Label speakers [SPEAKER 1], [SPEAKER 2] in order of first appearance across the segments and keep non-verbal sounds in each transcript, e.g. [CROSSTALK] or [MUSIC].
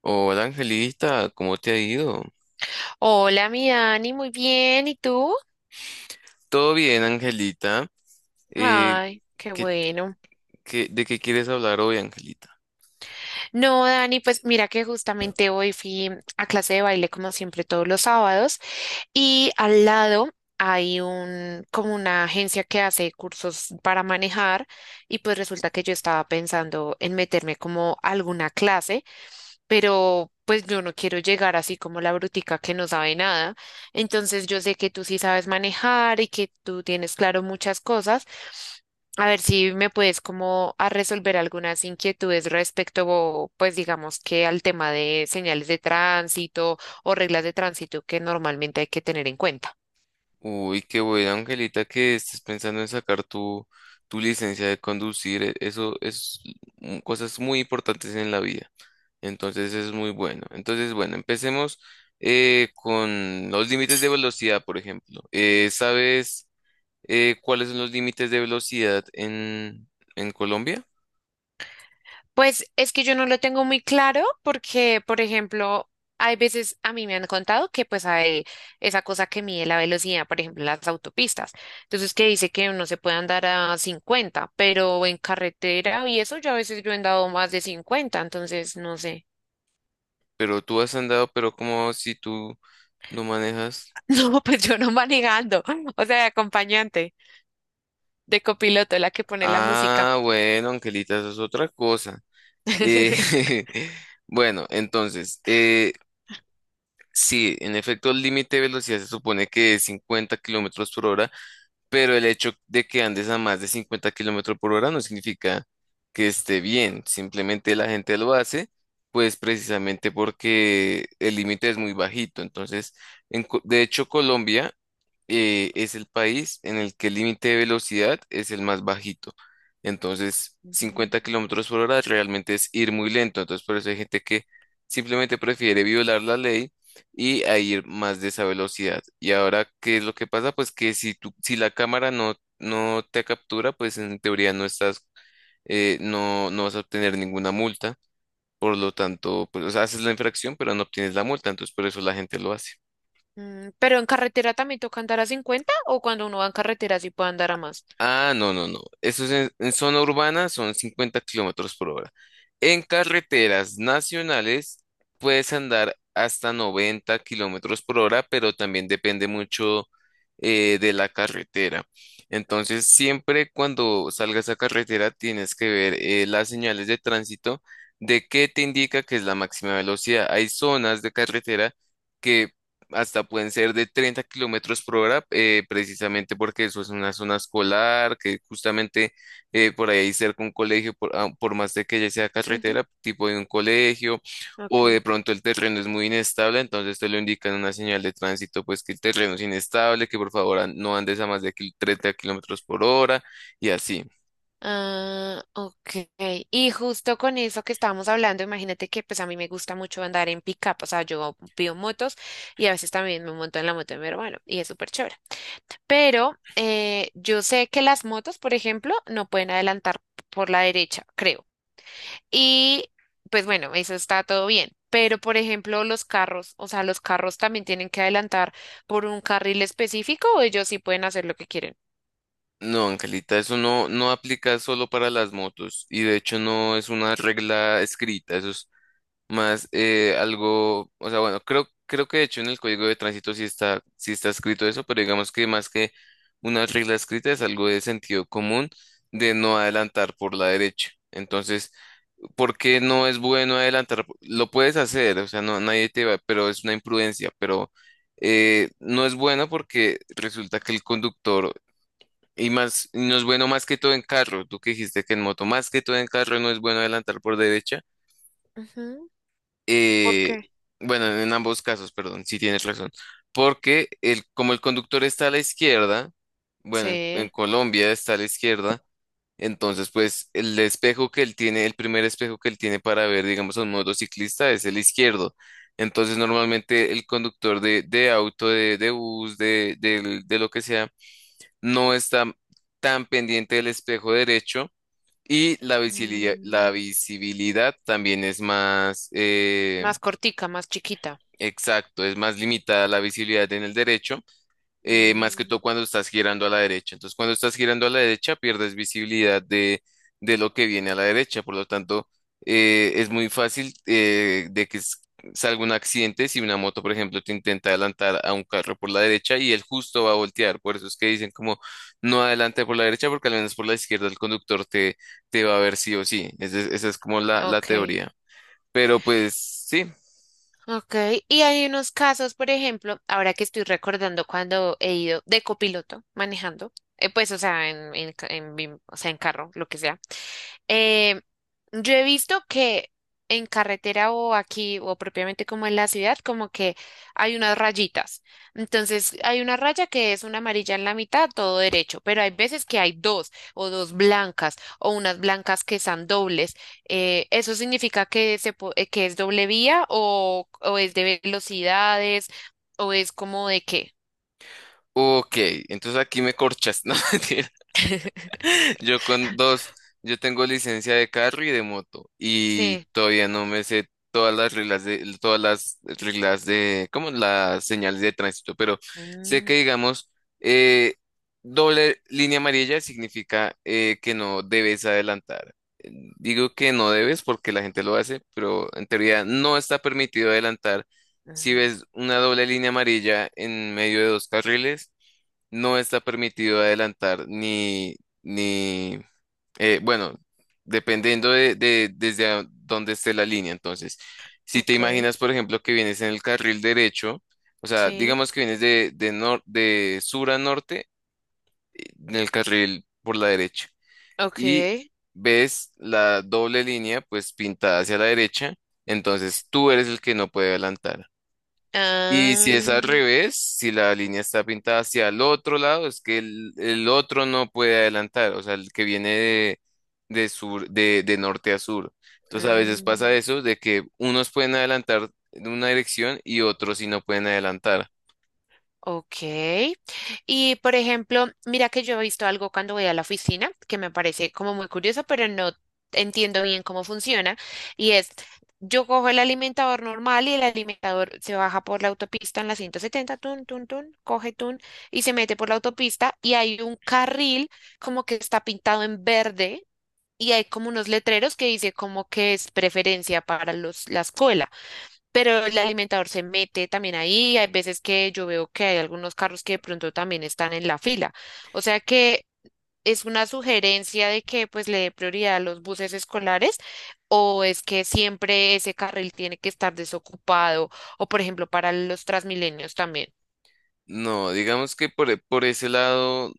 [SPEAKER 1] Hola Angelita, ¿cómo te ha ido?
[SPEAKER 2] Hola, mi Dani, muy bien. ¿Y tú?
[SPEAKER 1] Todo bien, Angelita. Eh,
[SPEAKER 2] Ay, qué
[SPEAKER 1] ¿qué-
[SPEAKER 2] bueno.
[SPEAKER 1] de qué quieres hablar hoy, Angelita?
[SPEAKER 2] No, Dani, pues mira que justamente hoy fui a clase de baile como siempre todos los sábados y al lado hay un como una agencia que hace cursos para manejar y pues resulta que yo estaba pensando en meterme como a alguna clase. Pero pues yo no quiero llegar así como la brutica que no sabe nada. Entonces yo sé que tú sí sabes manejar y que tú tienes claro muchas cosas. A ver si me puedes como a resolver algunas inquietudes respecto, pues digamos que al tema de señales de tránsito o reglas de tránsito que normalmente hay que tener en cuenta.
[SPEAKER 1] Uy, qué bueno, Angelita, que estés pensando en sacar tu licencia de conducir. Eso es cosas muy importantes en la vida. Entonces es muy bueno. Entonces, bueno, empecemos con los límites de velocidad, por ejemplo. ¿Sabes cuáles son los límites de velocidad en Colombia?
[SPEAKER 2] Pues es que yo no lo tengo muy claro porque, por ejemplo, hay veces a mí me han contado que pues hay esa cosa que mide la velocidad, por ejemplo, en las autopistas. Entonces, que dice que uno se puede andar a 50 pero en carretera y eso yo a veces yo he andado más de 50 entonces no sé. [LAUGHS]
[SPEAKER 1] Pero tú has andado, pero como si tú ¿no manejas?
[SPEAKER 2] No, pues yo no manejando, [LAUGHS] o sea, de acompañante, de copiloto, la que pone la música.
[SPEAKER 1] Ah, bueno, Angelita, eso es otra cosa. Eh,
[SPEAKER 2] [LAUGHS]
[SPEAKER 1] [LAUGHS] bueno, entonces, sí, en efecto, el límite de velocidad se supone que es 50 kilómetros por hora, pero el hecho de que andes a más de 50 kilómetros por hora no significa que esté bien, simplemente la gente lo hace, pues precisamente porque el límite es muy bajito. Entonces, de hecho, Colombia es el país en el que el límite de velocidad es el más bajito. Entonces,
[SPEAKER 2] Ujú.
[SPEAKER 1] 50 kilómetros por hora realmente es ir muy lento. Entonces, por eso hay gente que simplemente prefiere violar la ley y a ir más de esa velocidad. Y ahora, ¿qué es lo que pasa? Pues que si tú, si la cámara no te captura, pues en teoría no estás, no vas a obtener ninguna multa. Por lo tanto, pues, o sea, haces la infracción, pero no obtienes la multa. Entonces, por eso la gente lo hace.
[SPEAKER 2] Mm, pero en carretera también toca andar a 50 o cuando uno va en carretera sí puede andar a más.
[SPEAKER 1] Ah, no, no, no. Eso es en zona urbana, son 50 kilómetros por hora. En carreteras nacionales puedes andar hasta 90 kilómetros por hora, pero también depende mucho de la carretera. Entonces, siempre cuando salgas a carretera tienes que ver las señales de tránsito de qué te indica que es la máxima velocidad. Hay zonas de carretera que hasta pueden ser de 30 kilómetros por hora, precisamente porque eso es una zona escolar, que justamente por ahí hay cerca un colegio, por más de que ya sea
[SPEAKER 2] Ujú.
[SPEAKER 1] carretera, tipo de un colegio, o de
[SPEAKER 2] Ok.
[SPEAKER 1] pronto el terreno es muy inestable, entonces te lo indican en una señal de tránsito, pues que el terreno es inestable, que por favor no andes a más de 30 kilómetros por hora, y así.
[SPEAKER 2] Ah, ok. Y justo con eso que estábamos hablando, imagínate que pues a mí me gusta mucho andar en pick-up, o sea, yo pido motos y a veces también me monto en la moto de mi hermano y es súper chévere. Pero yo sé que las motos, por ejemplo, no pueden adelantar por la derecha, creo. Y pues bueno, eso está todo bien. Pero por ejemplo, los carros, o sea, los carros también tienen que adelantar por un carril específico o ellos sí pueden hacer lo que quieren.
[SPEAKER 1] No, Angelita, eso no, no aplica solo para las motos y de hecho no es una regla escrita, eso es más algo, o sea, bueno, creo que de hecho en el código de tránsito sí está escrito eso, pero digamos que más que una regla escrita es algo de sentido común de no adelantar por la derecha. Entonces, ¿por qué no es bueno adelantar? Lo puedes hacer, o sea, no, nadie te va, pero es una imprudencia, pero no es bueno porque resulta que el conductor, y más, y no es bueno más que todo en carro, tú que dijiste que en moto, más que todo en carro no es bueno adelantar por derecha.
[SPEAKER 2] Ujú. ¿Por
[SPEAKER 1] eh,
[SPEAKER 2] qué?
[SPEAKER 1] bueno, en ambos casos, perdón, sí tienes razón. Porque como el conductor está a la izquierda, bueno, en
[SPEAKER 2] Sí.
[SPEAKER 1] Colombia está a la izquierda, entonces pues el espejo que él tiene, el primer espejo que él tiene para ver, digamos, a un motociclista es el izquierdo. Entonces normalmente el conductor de auto, de bus, de lo que sea, no está tan pendiente del espejo derecho y la
[SPEAKER 2] Mm.
[SPEAKER 1] visibilidad también es más.
[SPEAKER 2] Más cortica, más chiquita.
[SPEAKER 1] Exacto, es más limitada la visibilidad en el derecho, más que
[SPEAKER 2] Mm,
[SPEAKER 1] todo cuando estás girando a la derecha. Entonces, cuando estás girando a la derecha, pierdes visibilidad de lo que viene a la derecha. Por lo tanto, es muy fácil de que salga un accidente si una moto, por ejemplo, te intenta adelantar a un carro por la derecha y él justo va a voltear. Por eso es que dicen como no adelante por la derecha, porque al menos por la izquierda el conductor te va a ver sí o sí. Esa es como la
[SPEAKER 2] ok,
[SPEAKER 1] teoría. Pero pues sí.
[SPEAKER 2] ok. Y hay unos casos, por ejemplo, ahora que estoy recordando cuando he ido de copiloto manejando, pues, o sea, en ca- en bim- o sea, en carro, lo que sea. Eh, yo he visto que en carretera o aquí o propiamente como en la ciudad, como que hay unas rayitas. Entonces hay una raya que es una amarilla en la mitad, todo derecho, pero hay veces que hay dos o dos blancas o unas blancas que están dobles. ¿Eso significa que es doble vía o es de velocidades o es como de qué?
[SPEAKER 1] Ok, entonces aquí me corchas, [LAUGHS] ¿no? Yo con dos, yo tengo licencia de carro y de moto y
[SPEAKER 2] Sí.
[SPEAKER 1] todavía no me sé todas las reglas de todas las reglas de como las señales de tránsito, pero sé que
[SPEAKER 2] Mm,
[SPEAKER 1] digamos eh, doble línea amarilla significa que no debes adelantar. Digo que no debes porque la gente lo hace, pero en teoría no está permitido adelantar. Si
[SPEAKER 2] mm,
[SPEAKER 1] ves una doble línea amarilla en medio de dos carriles, no está permitido adelantar ni, bueno, dependiendo desde dónde esté la línea. Entonces, si te
[SPEAKER 2] ok,
[SPEAKER 1] imaginas, por ejemplo, que vienes en el carril derecho, o sea,
[SPEAKER 2] sí,
[SPEAKER 1] digamos que vienes de, nor- de sur a norte, en el carril por la derecha,
[SPEAKER 2] ok.
[SPEAKER 1] y ves la doble línea, pues pintada hacia la derecha, entonces tú eres el que no puede adelantar. Y si
[SPEAKER 2] Ah.
[SPEAKER 1] es al revés, si la línea está pintada hacia el otro lado, es que el otro no puede adelantar, o sea, el que viene de norte a sur. Entonces a veces pasa
[SPEAKER 2] Mm,
[SPEAKER 1] eso, de que unos pueden adelantar en una dirección y otros sí no pueden adelantar.
[SPEAKER 2] ok. Y por ejemplo, mira que yo he visto algo cuando voy a la oficina que me parece como muy curioso, pero no entiendo bien cómo funciona. Y es, yo cojo el alimentador normal y el alimentador se baja por la autopista en la 170, tun, tun, tun, coge tun y se mete por la autopista y hay un carril como que está pintado en verde. Y hay como unos letreros que dice como que es preferencia para los, la escuela. Pero el alimentador se mete también ahí. Hay veces que yo veo que hay algunos carros que de pronto también están en la fila. O sea que es una sugerencia de que pues le dé prioridad a los buses escolares o es que siempre ese carril tiene que estar desocupado o por ejemplo para los Transmilenios también.
[SPEAKER 1] No, digamos que por ese lado,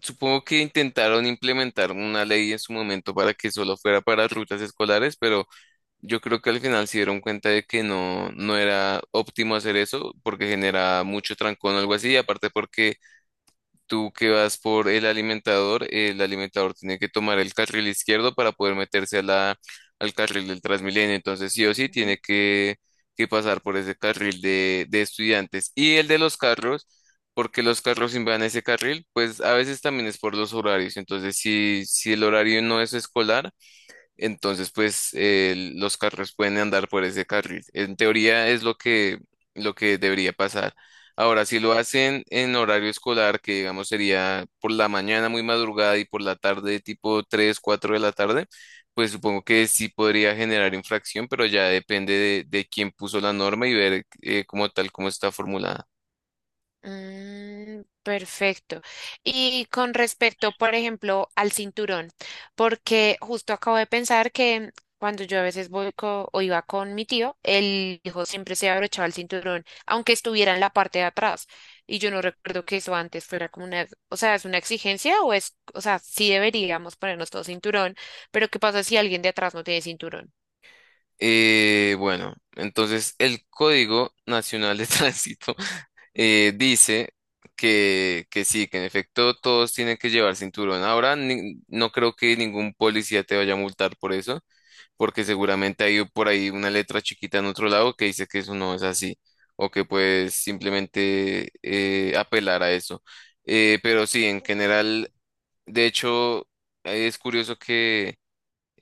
[SPEAKER 1] supongo que intentaron implementar una ley en su momento para que solo fuera para rutas escolares, pero yo creo que al final se dieron cuenta de que no, no era óptimo hacer eso porque genera mucho trancón o algo así. Y aparte porque tú que vas por el alimentador tiene que tomar el carril izquierdo para poder meterse a al carril del Transmilenio. Entonces sí o sí
[SPEAKER 2] Ujú.
[SPEAKER 1] tiene que pasar por ese carril de estudiantes. Y el de los carros, porque los carros invaden ese carril, pues a veces también es por los horarios. Entonces si el horario no es escolar entonces, pues los carros pueden andar por ese carril. En teoría es lo que debería pasar. Ahora, si lo hacen en horario escolar, que digamos sería por la mañana muy madrugada y por la tarde tipo 3, 4 de la tarde, pues supongo que sí podría generar infracción, pero ya depende de quién puso la norma y ver como tal cómo está formulada.
[SPEAKER 2] Mm, perfecto. Y con respecto, por ejemplo, al cinturón, porque justo acabo de pensar que cuando yo a veces voy co- o iba con mi tío, el hijo siempre se abrochaba el cinturón, aunque estuviera en la parte de atrás. Y yo no recuerdo que eso antes fuera como una, o sea, es una exigencia o es, o sea, sí deberíamos ponernos todo cinturón, pero ¿qué pasa si alguien de atrás no tiene cinturón?
[SPEAKER 1] Bueno, entonces el Código Nacional de [LAUGHS] Tránsito dice que sí, que en efecto todos tienen que llevar cinturón. Ahora no creo que ningún policía te vaya a multar por eso, porque seguramente hay por ahí una letra chiquita en otro lado que dice que eso no es así, o que puedes simplemente apelar a eso. Pero sí, en general, de hecho, es curioso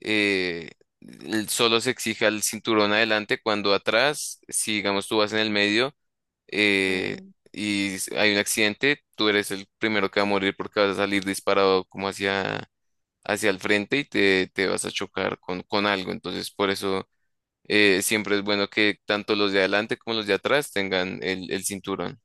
[SPEAKER 1] eh, solo se exija el cinturón adelante cuando atrás, si digamos tú vas en el medio eh, y hay un accidente, tú eres el primero que va a morir porque vas a salir disparado como hacia, hacia el frente y te vas a chocar con algo. Entonces, por eso siempre es bueno que tanto los de adelante como los de atrás tengan el cinturón.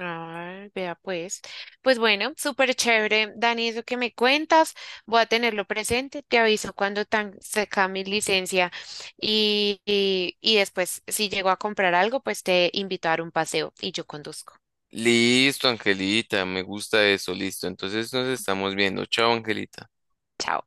[SPEAKER 2] Ah, vea pues. Pues bueno, súper chévere, Dani, eso que me cuentas, voy a tenerlo presente, te aviso cuando tan saca mi licencia y después si llego a comprar algo, pues te invito a dar un paseo y yo conduzco.
[SPEAKER 1] Listo, Angelita, me gusta eso, listo. Entonces nos estamos viendo. Chao, Angelita.
[SPEAKER 2] Chao.